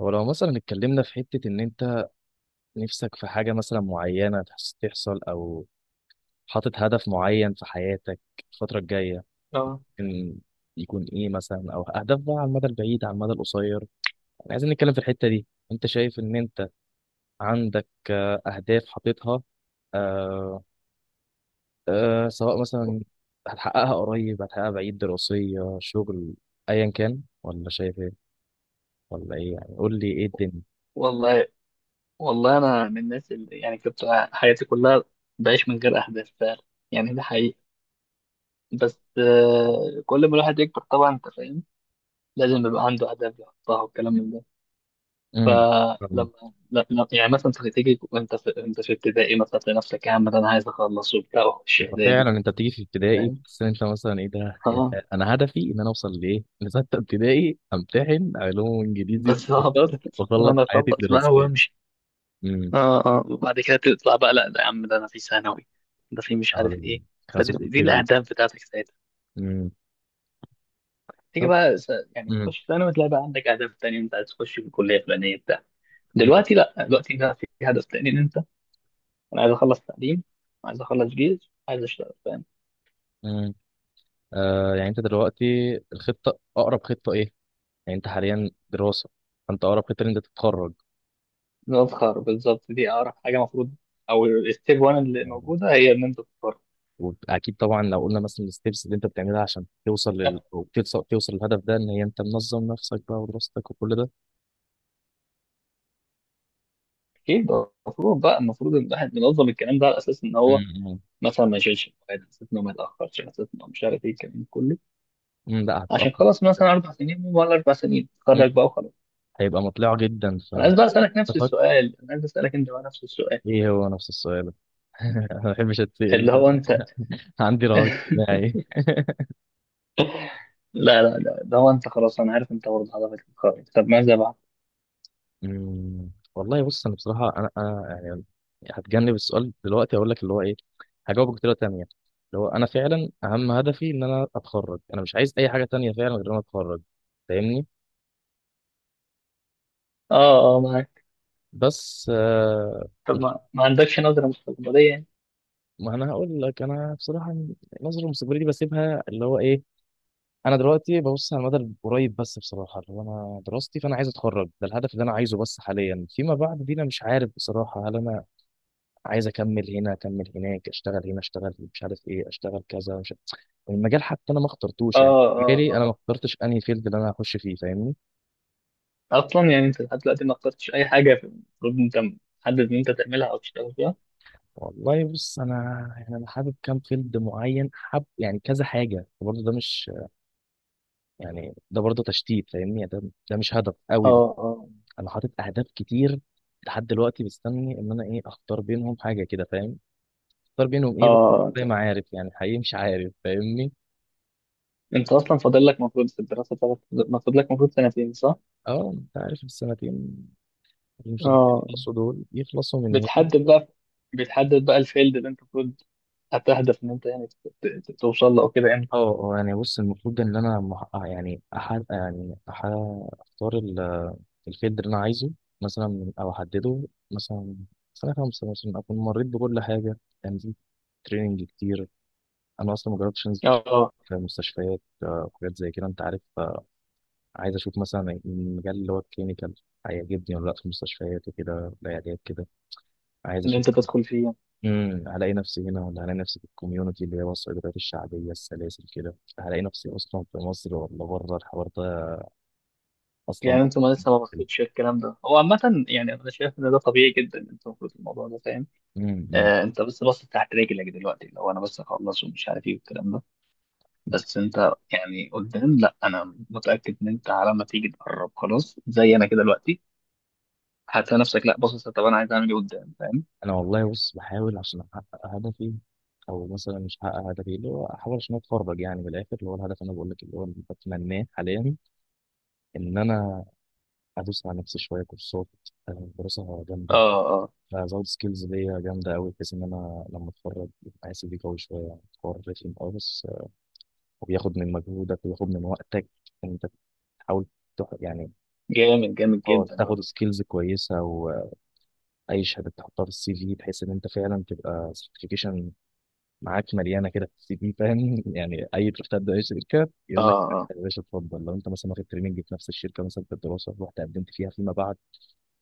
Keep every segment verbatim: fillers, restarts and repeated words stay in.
هو لو مثلا اتكلمنا في حتة إن أنت نفسك في حاجة مثلا معينة تحس- تحصل أو حاطط هدف معين في حياتك الفترة الجاية اه. إن يكون إيه مثلا، أو أهداف بقى على المدى البعيد على المدى القصير، يعني عايزين نتكلم في الحتة دي. أنت شايف إن أنت عندك آه، أهداف حاططها، آه، سواء مثلا هتحققها قريب هتحققها بعيد، دراسية، شغل، أيا كان، ولا شايف إيه؟ ولا إيه يعني؟ قول لي إيه الدنيا. والله والله انا من الناس اللي يعني كنت حياتي كلها بعيش من غير احداث فعلا. يعني ده حقيقي. بس آه، كل ما الواحد يكبر طبعا انت فاهم لازم يبقى عنده اهداف يحطها والكلام من ده. امم فلما لا- لا- يعني مثلا انت تيجي وانت في انت في ابتدائي مثلا تلاقي نفسك يا عم ده انا عايز اخلص وبتاع واخش وفعلا اعدادي انت بتيجي في ابتدائي، فاهم. بس انت مثلا ايه ده يا ف- اه انا هدفي ان انا اوصل لايه، لسته ابتدائي، امتحن علوم وانجليزي بالظبط واقتصاد واخلص انا حياتي اخلص بقى الدراسيه. وامشي. امم. اه اه وبعد كده تطلع بقى لا ده يا عم ده انا في ثانوي ده في مش عارف ايه. اولاني. فدي خازوق دي الكبير. الاهداف بتاعتك. امم. تيجي طب. بقى س- يعني امم. تخش ثانوي تلاقي بقى عندك اهداف تانية انت عايز تخش في الكليه الفلانيه بتاع. امم. دلوقتي لا، دلوقتي لا، في هدف تاني ان انت انا عايز اخلص تعليم، عايز اخلص جيش، عايز اشتغل فاهم. إمم. آه يعني انت دلوقتي الخطه اقرب خطه ايه؟ يعني انت حاليا دراسه، فانت اقرب خطه ان انت تتخرج. نظهر بالظبط دي اقرب حاجه المفروض. او الستيب واحد اللي يعني موجوده هي ان انت تظهر. واكيد طبعا لو قلنا مثلا الستبس اللي انت بتعملها عشان توصل لل... أو توصل توصل للهدف ده، ان هي انت منظم نفسك بقى، ودراستك وكل ده. اكيد المفروض بقى، المفروض ان الواحد منظم الكلام ده على اساس ان هو إمم، إمم. مثلا ما يشيلش المواد على اساس ان هو ما يتاخرش على اساس ان هو مش عارف ايه الكلام ده كله امم، لا عشان هتتأخر. خلاص مثلا اربع سنين ولا اربع سنين امم، تخرج بقى وخلاص. هيبقى مطلع جدا. انا عايز بقى اسالك نفس ففكر السؤال، انا عايز اسالك انت بقى نفس السؤال ايه هو نفس السؤال. انا ما بحبش اتسأل، اللي هو انت. عندي رهاب اجتماعي. لا لا لا، اللي هو انت خلاص انا عارف انت برضه هدفك القوي طب ماذا بعد؟ امم، والله بص، انا بصراحة انا انا يعني هتجنب السؤال دلوقتي، اقول لك اللي هو ايه، هجاوبك بطريقة تانية. اللي هو انا فعلا اهم هدفي ان انا اتخرج، انا مش عايز اي حاجة تانية فعلا غير ان انا اتخرج، فاهمني؟ اه اه معاك. بس آه، طب مش ما, ما عندكش نظرة مستقبلية يعني. ما انا هقول لك، انا بصراحة نظرة مستقبلية دي بسيبها اللي هو ايه. انا دلوقتي ببص على المدى القريب بس بصراحه، اللي هو انا دراستي، فانا عايز اتخرج، ده الهدف اللي انا عايزه بس حاليا. فيما بعد دي انا مش عارف بصراحه، هل انا عايز اكمل هنا، اكمل هناك، اشتغل هنا، اشتغل مش عارف ايه، اشتغل كذا، مش عارف. المجال حتى انا ما اه اخترتوش، يعني اه مجالي انا اه ما اخترتش انهي فيلد اللي انا هخش فيه، فاهمني؟ اصلا يعني انت لحد دلوقتي ما اخترتش اي حاجة في- المفروض انت محدد ان انت تعملها او تشتغل فيها. والله بص انا، يعني انا حابب كام فيلد معين، حاب يعني كذا حاجه، برضه ده مش، يعني ده برضه تشتيت فاهمني، يعني ده ده مش هدف اه قوي. اه انا حاطط اهداف كتير، لحد دلوقتي مستني ان انا ايه، اختار بينهم حاجه كده فاهم؟ اختار بينهم ايه بقى؟ اه. انت زي ما عارف يعني، حقيقي مش عارف فاهمني. انت اصلا فاضل لك المفروض في الدراسة بتاعتك المفروض لك المفروض سنتين، صح؟ اه، انت عارف السنتين اللي مش راضيين اه. يخلصوا دول يخلصوا من ايه. بتحدد بقى، بتحدد بقى الفيلد اللي انت المفروض هتهدف ان انت يعني ت- ت- توصل له او كده امتى؟ اه. آه، يعني بص، المفروض ان انا مح... آه، يعني أح... يعني أح... اختار ال... الفيلد اللي انا عايزه مثلا، او احدده مثلا. سنه خمسه مثلا اكون مريت بكل حاجه، تنزيل، تريننج كتير. انا اصلا ما جربتش انزل اه آه، في مستشفيات، آه، وحاجات زي كده انت عارف. آه، عايز اشوف مثلا المجال اللي هو الكلينيكال هيعجبني ولا لا، في مستشفيات وكده، العيادات كده، عايز ان اشوف. انت تدخل فيه يعني. امم، هلاقي نفسي هنا ولا هلاقي نفسي في الكوميونتي اللي هي الصيدليات الشعبيه، السلاسل كده، هلاقي نفسي اصلا في مصر ولا بره، الحوار ده اصلا. يعني انتوا ما لسه ما بصيتش الكلام ده هو عامة. يعني انا شايف ان ده طبيعي جدا انت المفروض الموضوع ده فاهم. امم. آه انت بس باصص تحت رجلك دلوقتي لو انا بس اخلص ومش عارف ايه والكلام ده. بس انت يعني قدام لا، انا متأكد ان انت على ما تيجي تقرب خلاص زي انا كده دلوقتي هتلاقي نفسك لا باصص طب انا عايز اعمل ايه قدام فاهم. انا والله بص، بحاول عشان احقق هدفي، او مثلا مش هحقق هدفي، اللي هو احاول عشان اتفرج، يعني من الاخر، اللي هو الهدف انا بقول لك، اللي هو اللي بتمناه حاليا، ان انا ادوس على نفسي شويه كورسات، آه، دراسه اه جامده. اه. أنا هزود سكيلز ليا جامدة أوي، بحيث إن أنا لما أتخرج يبقى سي في قوي شوية، يعني حوار رخم أوي، بس آه، وبياخد من مجهودك وبياخد من وقتك، إن أنت تحاول تح... يعني جامد جامد اه جدا اه. تاخد سكيلز كويسة، وأي شهادة تحطها في السي في، بحيث إن أنت فعلا تبقى سيرتيفيكيشن معاك مليانة كده في السي في فاهم. يعني أي تروح تبدأ أي شركة، اه يقول لك اه. يا باشا اتفضل، لو أنت مثلا واخد تريننج في نفس الشركة مثلا، في الدراسة رحت قدمت فيها، فيما بعد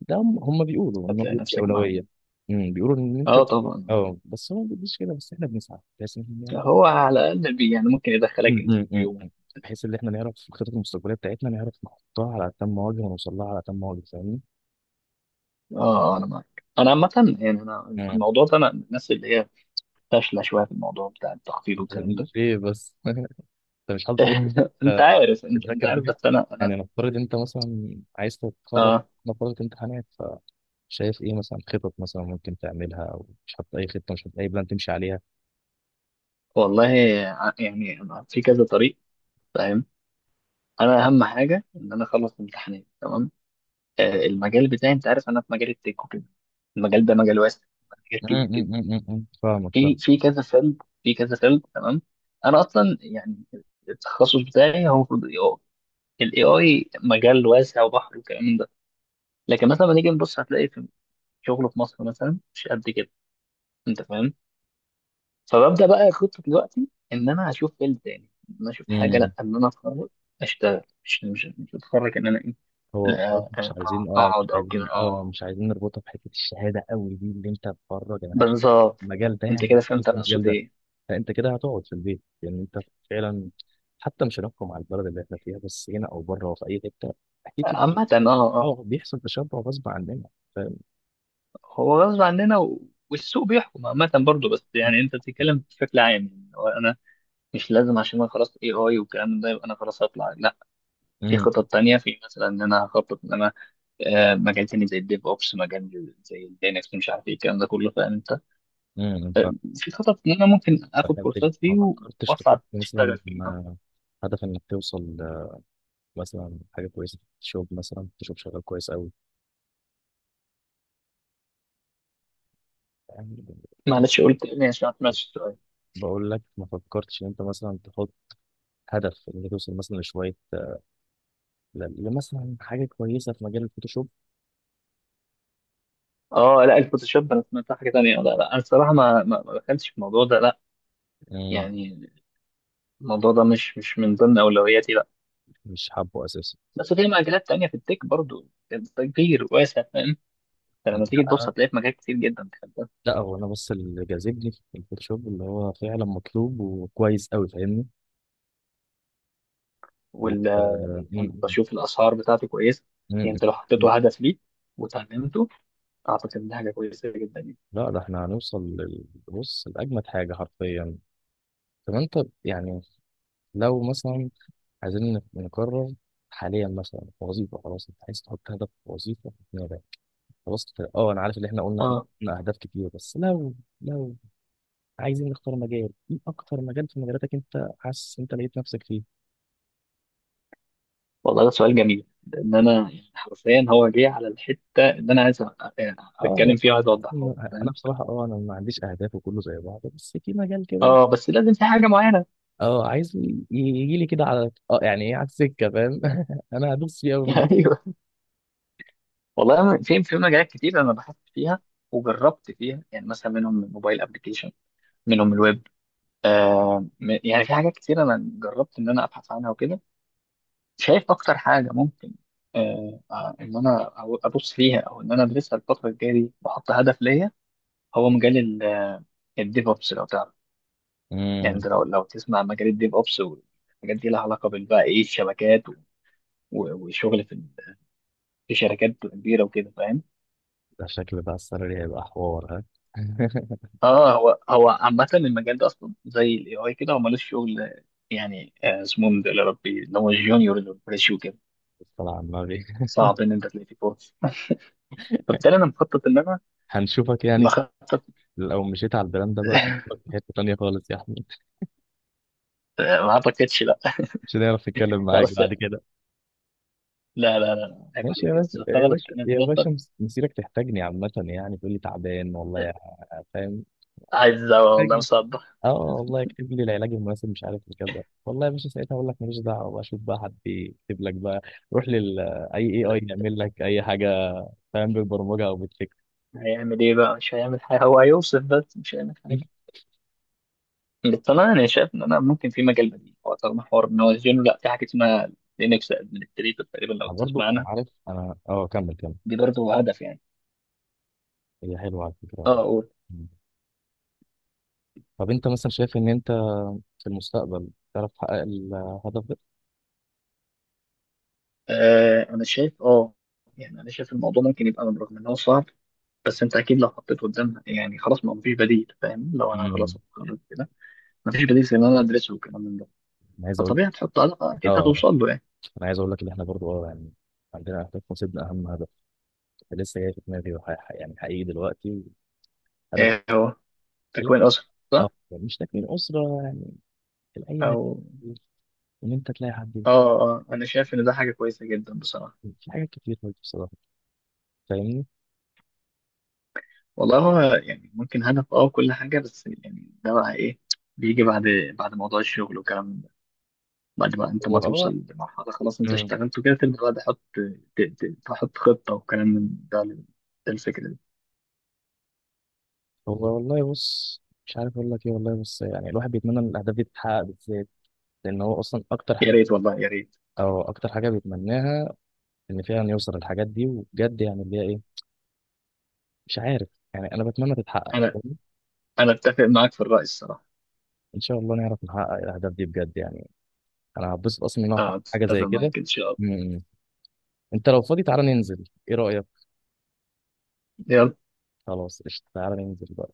ده هم هم بيقولوا ان هو هتلاقي بيدي نفسك معايا. اولويه. امم، بيقولوا ان انت، اه طبعا. اه بس هو ما بيديش كده، بس احنا بنسعى بحيث ان احنا نعرف. هو على الاقل بي يعني ممكن يدخلك أمم، أمم، أمم، انترفيو. أمم. بحيث ان احنا نعرف في الخطط المستقبليه بتاعتنا، نعرف نحطها على تم وجه، ونوصل لها على تم وجه، فاهمني؟ اه انا معاك، انا عامة يعني انا امم. الموضوع ده انا من الناس اللي هي فاشلة شوية في الموضوع بتاع التخطيط أنت والكلام ده. ليه بس؟ انت مش حاطط اي خطه؟ انت أنت عارف انت, انت بتذاكر عارف بيها؟ بس انا انا. يعني نفترض انت مثلا عايز تتخرج، اه نفترض امتحانات، فشايف ايه مثلا خطط مثلا ممكن تعملها، او مش حاطط اي خطه، مش حاطط اي بلان تمشي عليها؟ والله ع- يعني أنا في كذا طريق فاهم. انا اهم حاجة ان انا اخلص امتحانات تمام. آه المجال بتاعي انت عارف انا في مجال التك وكده. المجال ده مجال واسع، مجال أمم، كبير جدا. أمم، أمم، أمم. فاهمك، في في كذا فيلد في كذا فيلد تمام. انا اصلا يعني التخصص بتاعي هو المفروض اي اي الاي اي مجال واسع وبحر وكلام. لكن مثلا لما نيجي نبص هتلاقي في شغله في مصر مثلا مش قد كده انت فاهم. فببدا بقى خطه دلوقتي ان انا هشوف فيلد تاني ان انا اشوف حاجه فاهم. لا ان انا اتخرج اشتغل مش مش مش اتخرج ان انا ايه هو بصراحة لا، أ- مش أ- عايزين اه مش اقعد او كده عايزين اه اه. مش عايزين نربطها بحتة الشهادة قوي دي اللي انت بره، يعني هشتغل بالظبط في المجال ده، انت يعني كده هشتغل فهمت في انا المجال اقصد ده. ايه. فانت كده هتقعد في البيت يعني انت، فعلا حتى مش هنحكم على البلد اللي احنا فيها، بس هنا او بره وفي اي حتة، اكيد. بت- عامة اه. اه اه بيحصل تشبع غصب عننا فاهم. هو غصب عننا و... والسوق بيحكم عامة برضه بس يعني انت بتتكلم بشكل عام يعني هو انا مش لازم عشان انا خلاص اي اي والكلام ده يبقى انا خلاص هطلع لا. في امم. خطط تانية، في مثلا ان انا هخطط ان انا آه، مجال تاني زي الديف اوبس، مجال زي الدينكس مش عارف ايه الكلام ده كله فاهم انت. امم. ف- في خطط ان انا ممكن اخد فكرتش- كورسات ما فيه و- فكرتش واطلع تحط اشتغل مثلا فيه. آه، هدف انك توصل آه، مثلا حاجه كويسه في الشغل، مثلا تشوف شغال كويس قوي يعني. معلش قلت تاني عشان ما سمعتش السؤال. بقول لك ما فكرتش ان انت مثلا تحط هدف ان انت توصل مثلا لشويه ل- لمثلا حاجه كويسه في مجال الفوتوشوب. اه لا الفوتوشوب انا سمعتها حاجه تانيه. لا لا انا الصراحه ما ما ما دخلتش في الموضوع ده لا مم، يعني. الموضوع ده مش مش من ضمن اولوياتي لا. مش حابه اساسا؟ بس في مجالات تانيه في التك برضو كبير واسع فاهم. انت لا. لما تيجي تبص أنا- هتلاقي في مجال كتير جدا دخلت ده. لا، هو انا بس اللي جاذبني في الفوتوشوب اللي هو فعلا مطلوب وكويس قوي فاهمني. و... وال آه، انا مم، بشوف الاسعار بتاعته كويسه. مم، يعني مم، انت لو مم. حطيته هدف ليك وتعلمته اعتقد ان دي حاجه كويسه جدا يعني. لا، ده احنا هنوصل لل- بص لاجمد حاجه حرفيا. طب انت يعني لو مثلا عايزين نقرر حاليا مثلا وظيفه، خلاص انت عايز تحط هدف وظيفه، خلاص كده. اه، انا عارف اللي احنا قلنا احنا اه قلنا اهداف كتير، بس لو لو عايزين نختار مجال ايه، اكتر مجال في مجالاتك انت حاسس انت لقيت نفسك فيه. والله ده سؤال جميل لان انا يعني حرفيا هو جه على الحته اللي انا عايز أ- أ- اه، اتكلم فيها وعايز اوضحها لك، انا فاهم. بصراحه اه انا ما عنديش اهداف وكله زي بعضه، بس في مجال كده اه بس لازم في حاجه معينه. اه عايز يجي لي كده على اه يعني ايه، على السكه فاهم. انا هدوس فيه قوي. ايوه. والله أنا في في مجالات كتير انا بحثت فيها وجربت فيها يعني. مثلا منهم الموبايل ابلكيشن، منهم الويب، آه م- يعني في حاجات كتير انا جربت ان انا ابحث عنها وكده. شايف اكتر حاجه ممكن آه آه، ان انا أو- ابص فيها او ان انا ادرسها الفتره الجايه دي واحط هدف ليا. هو مجال الديف اوبس لو تعرف. يعني امم، انت لو لو تسمع مجال الديف اوبس والحاجات دي لها علاقه بال بقى ايه الشبكات و- و- وشغل في ال- في شركات كبيره وكده فاهم. ده شكل بقى السالري هيبقى حوار ها. اه هو هو عامه المجال ده اصلا زي الاي اي كده هو ملوش شغل يعني. آه، اسمه من ده يا ربي اللي هو الجونيور اللي هو الفريش وكده. طلع على النبي. صعب ان انت تلاقي فيه فرص. فبالتالي انا مخطط ان انا هنشوفك يعني، مخطط. لو مشيت على البراند ده بقى هنشوفك في حته تانيه خالص يا احمد. ما اعتقدش لا. مش هنعرف نتكلم لا معاك بس بعد كده. لا لا لا لا، عيب ماشي يا عليك بس. باشا يا فانا باشا بتكلم في يا نقطه. باشا، مس- مسيرك تحتاجني عامة يعني، تقول لي تعبان والله يا- فاهم، عايز والله محتاجني، مصدق. اه والله اكتب لي العلاج المناسب مش عارف إيه كذا، والله يا باشا ساعتها اقول لك ماليش دعوة بقى، شوف بقى حد يكتب لك بقى، روح لل اي اي اي يعمل لك اي حاجة فاهم، بالبرمجة او بالفكر. هيعمل ايه بقى، مش هيعمل حاجه هو هيوصف بس مش هيعمل حاجه. بس انا انا شايف ان انا ممكن في مجال بديل هو طالما حوار ان هو يزينه لا في حاجه اسمها لينكس ادمنستريتور تقريبا لو برضه تسمع انا عنها. عارف، انا اه كمل كمل. دي برضه هدف يعني. هي حلوة على فكرة اه والله. اقول. مم. طب انت مثلا شايف ان انت في المستقبل تعرف تحقق الهدف ده؟ آه انا شايف اه. يعني انا شايف الموضوع ممكن يبقى رغم ان هو صعب بس انت اكيد لو حطيت قدامها يعني خلاص ما مفيش بديل فاهم لو انا خلاص مم. اتخرجت كده مفيش بديل زي ان انا ادرسه والكلام من ده. انا عايز اقول، فطبيعي هتحط علاقه اكيد اه هتوصل له يعني. انا عايز اقول لك ان احنا برضو اه يعني عندنا اهداف، نصيبنا اهم هدف لسه جاي في دماغي، وح- ح- يعني حقيقي دلوقتي هدف آه، هو تكوين تلاقي، اسره صح. اه يعني مش تكوين اسره يعني، العيله، او ان انت تلاقي حد يفيد. اه. اه انا شايف ان ده حاجه كويسه جدا بصراحه. في حاجات كتير برضو بصراحه فاهمني. والله هو يعني ممكن هدف اه كل حاجه بس يعني ده بقى ايه بيجي بعد، بعد موضوع الشغل والكلام ده بعد ما انت هو ما اه توصل لمرحله خلاص انت مم. اشتغلت وكده تبدا بقى تحط ت- ت- تحط خطه وكلام من ده. ده الفكره دي. هو والله بص، مش عارف اقول لك ايه، والله بص يعني الواحد بيتمنى ان الاهداف دي تتحقق بالذات، لان هو اصلا اكتر يا حاجه، ريت والله يا ريت. او اكتر حاجه بيتمناها، ان فعلا يوصل للحاجات دي وبجد، يعني اللي هي ايه، مش عارف يعني، انا بتمنى تتحقق انا فاهمني؟ انا اتفق معاك في الراي الصراحه. ان شاء الله نعرف نحقق الاهداف دي بجد يعني. انا هتبسط اصلا ان انا اه أحقق حاجه اتفق زي كده. معاك ان شاء الله. م- م. انت لو فاضي تعالى ننزل، ايه رايك؟ يلا. خلاص قشطة، تعالى ننزل بقى.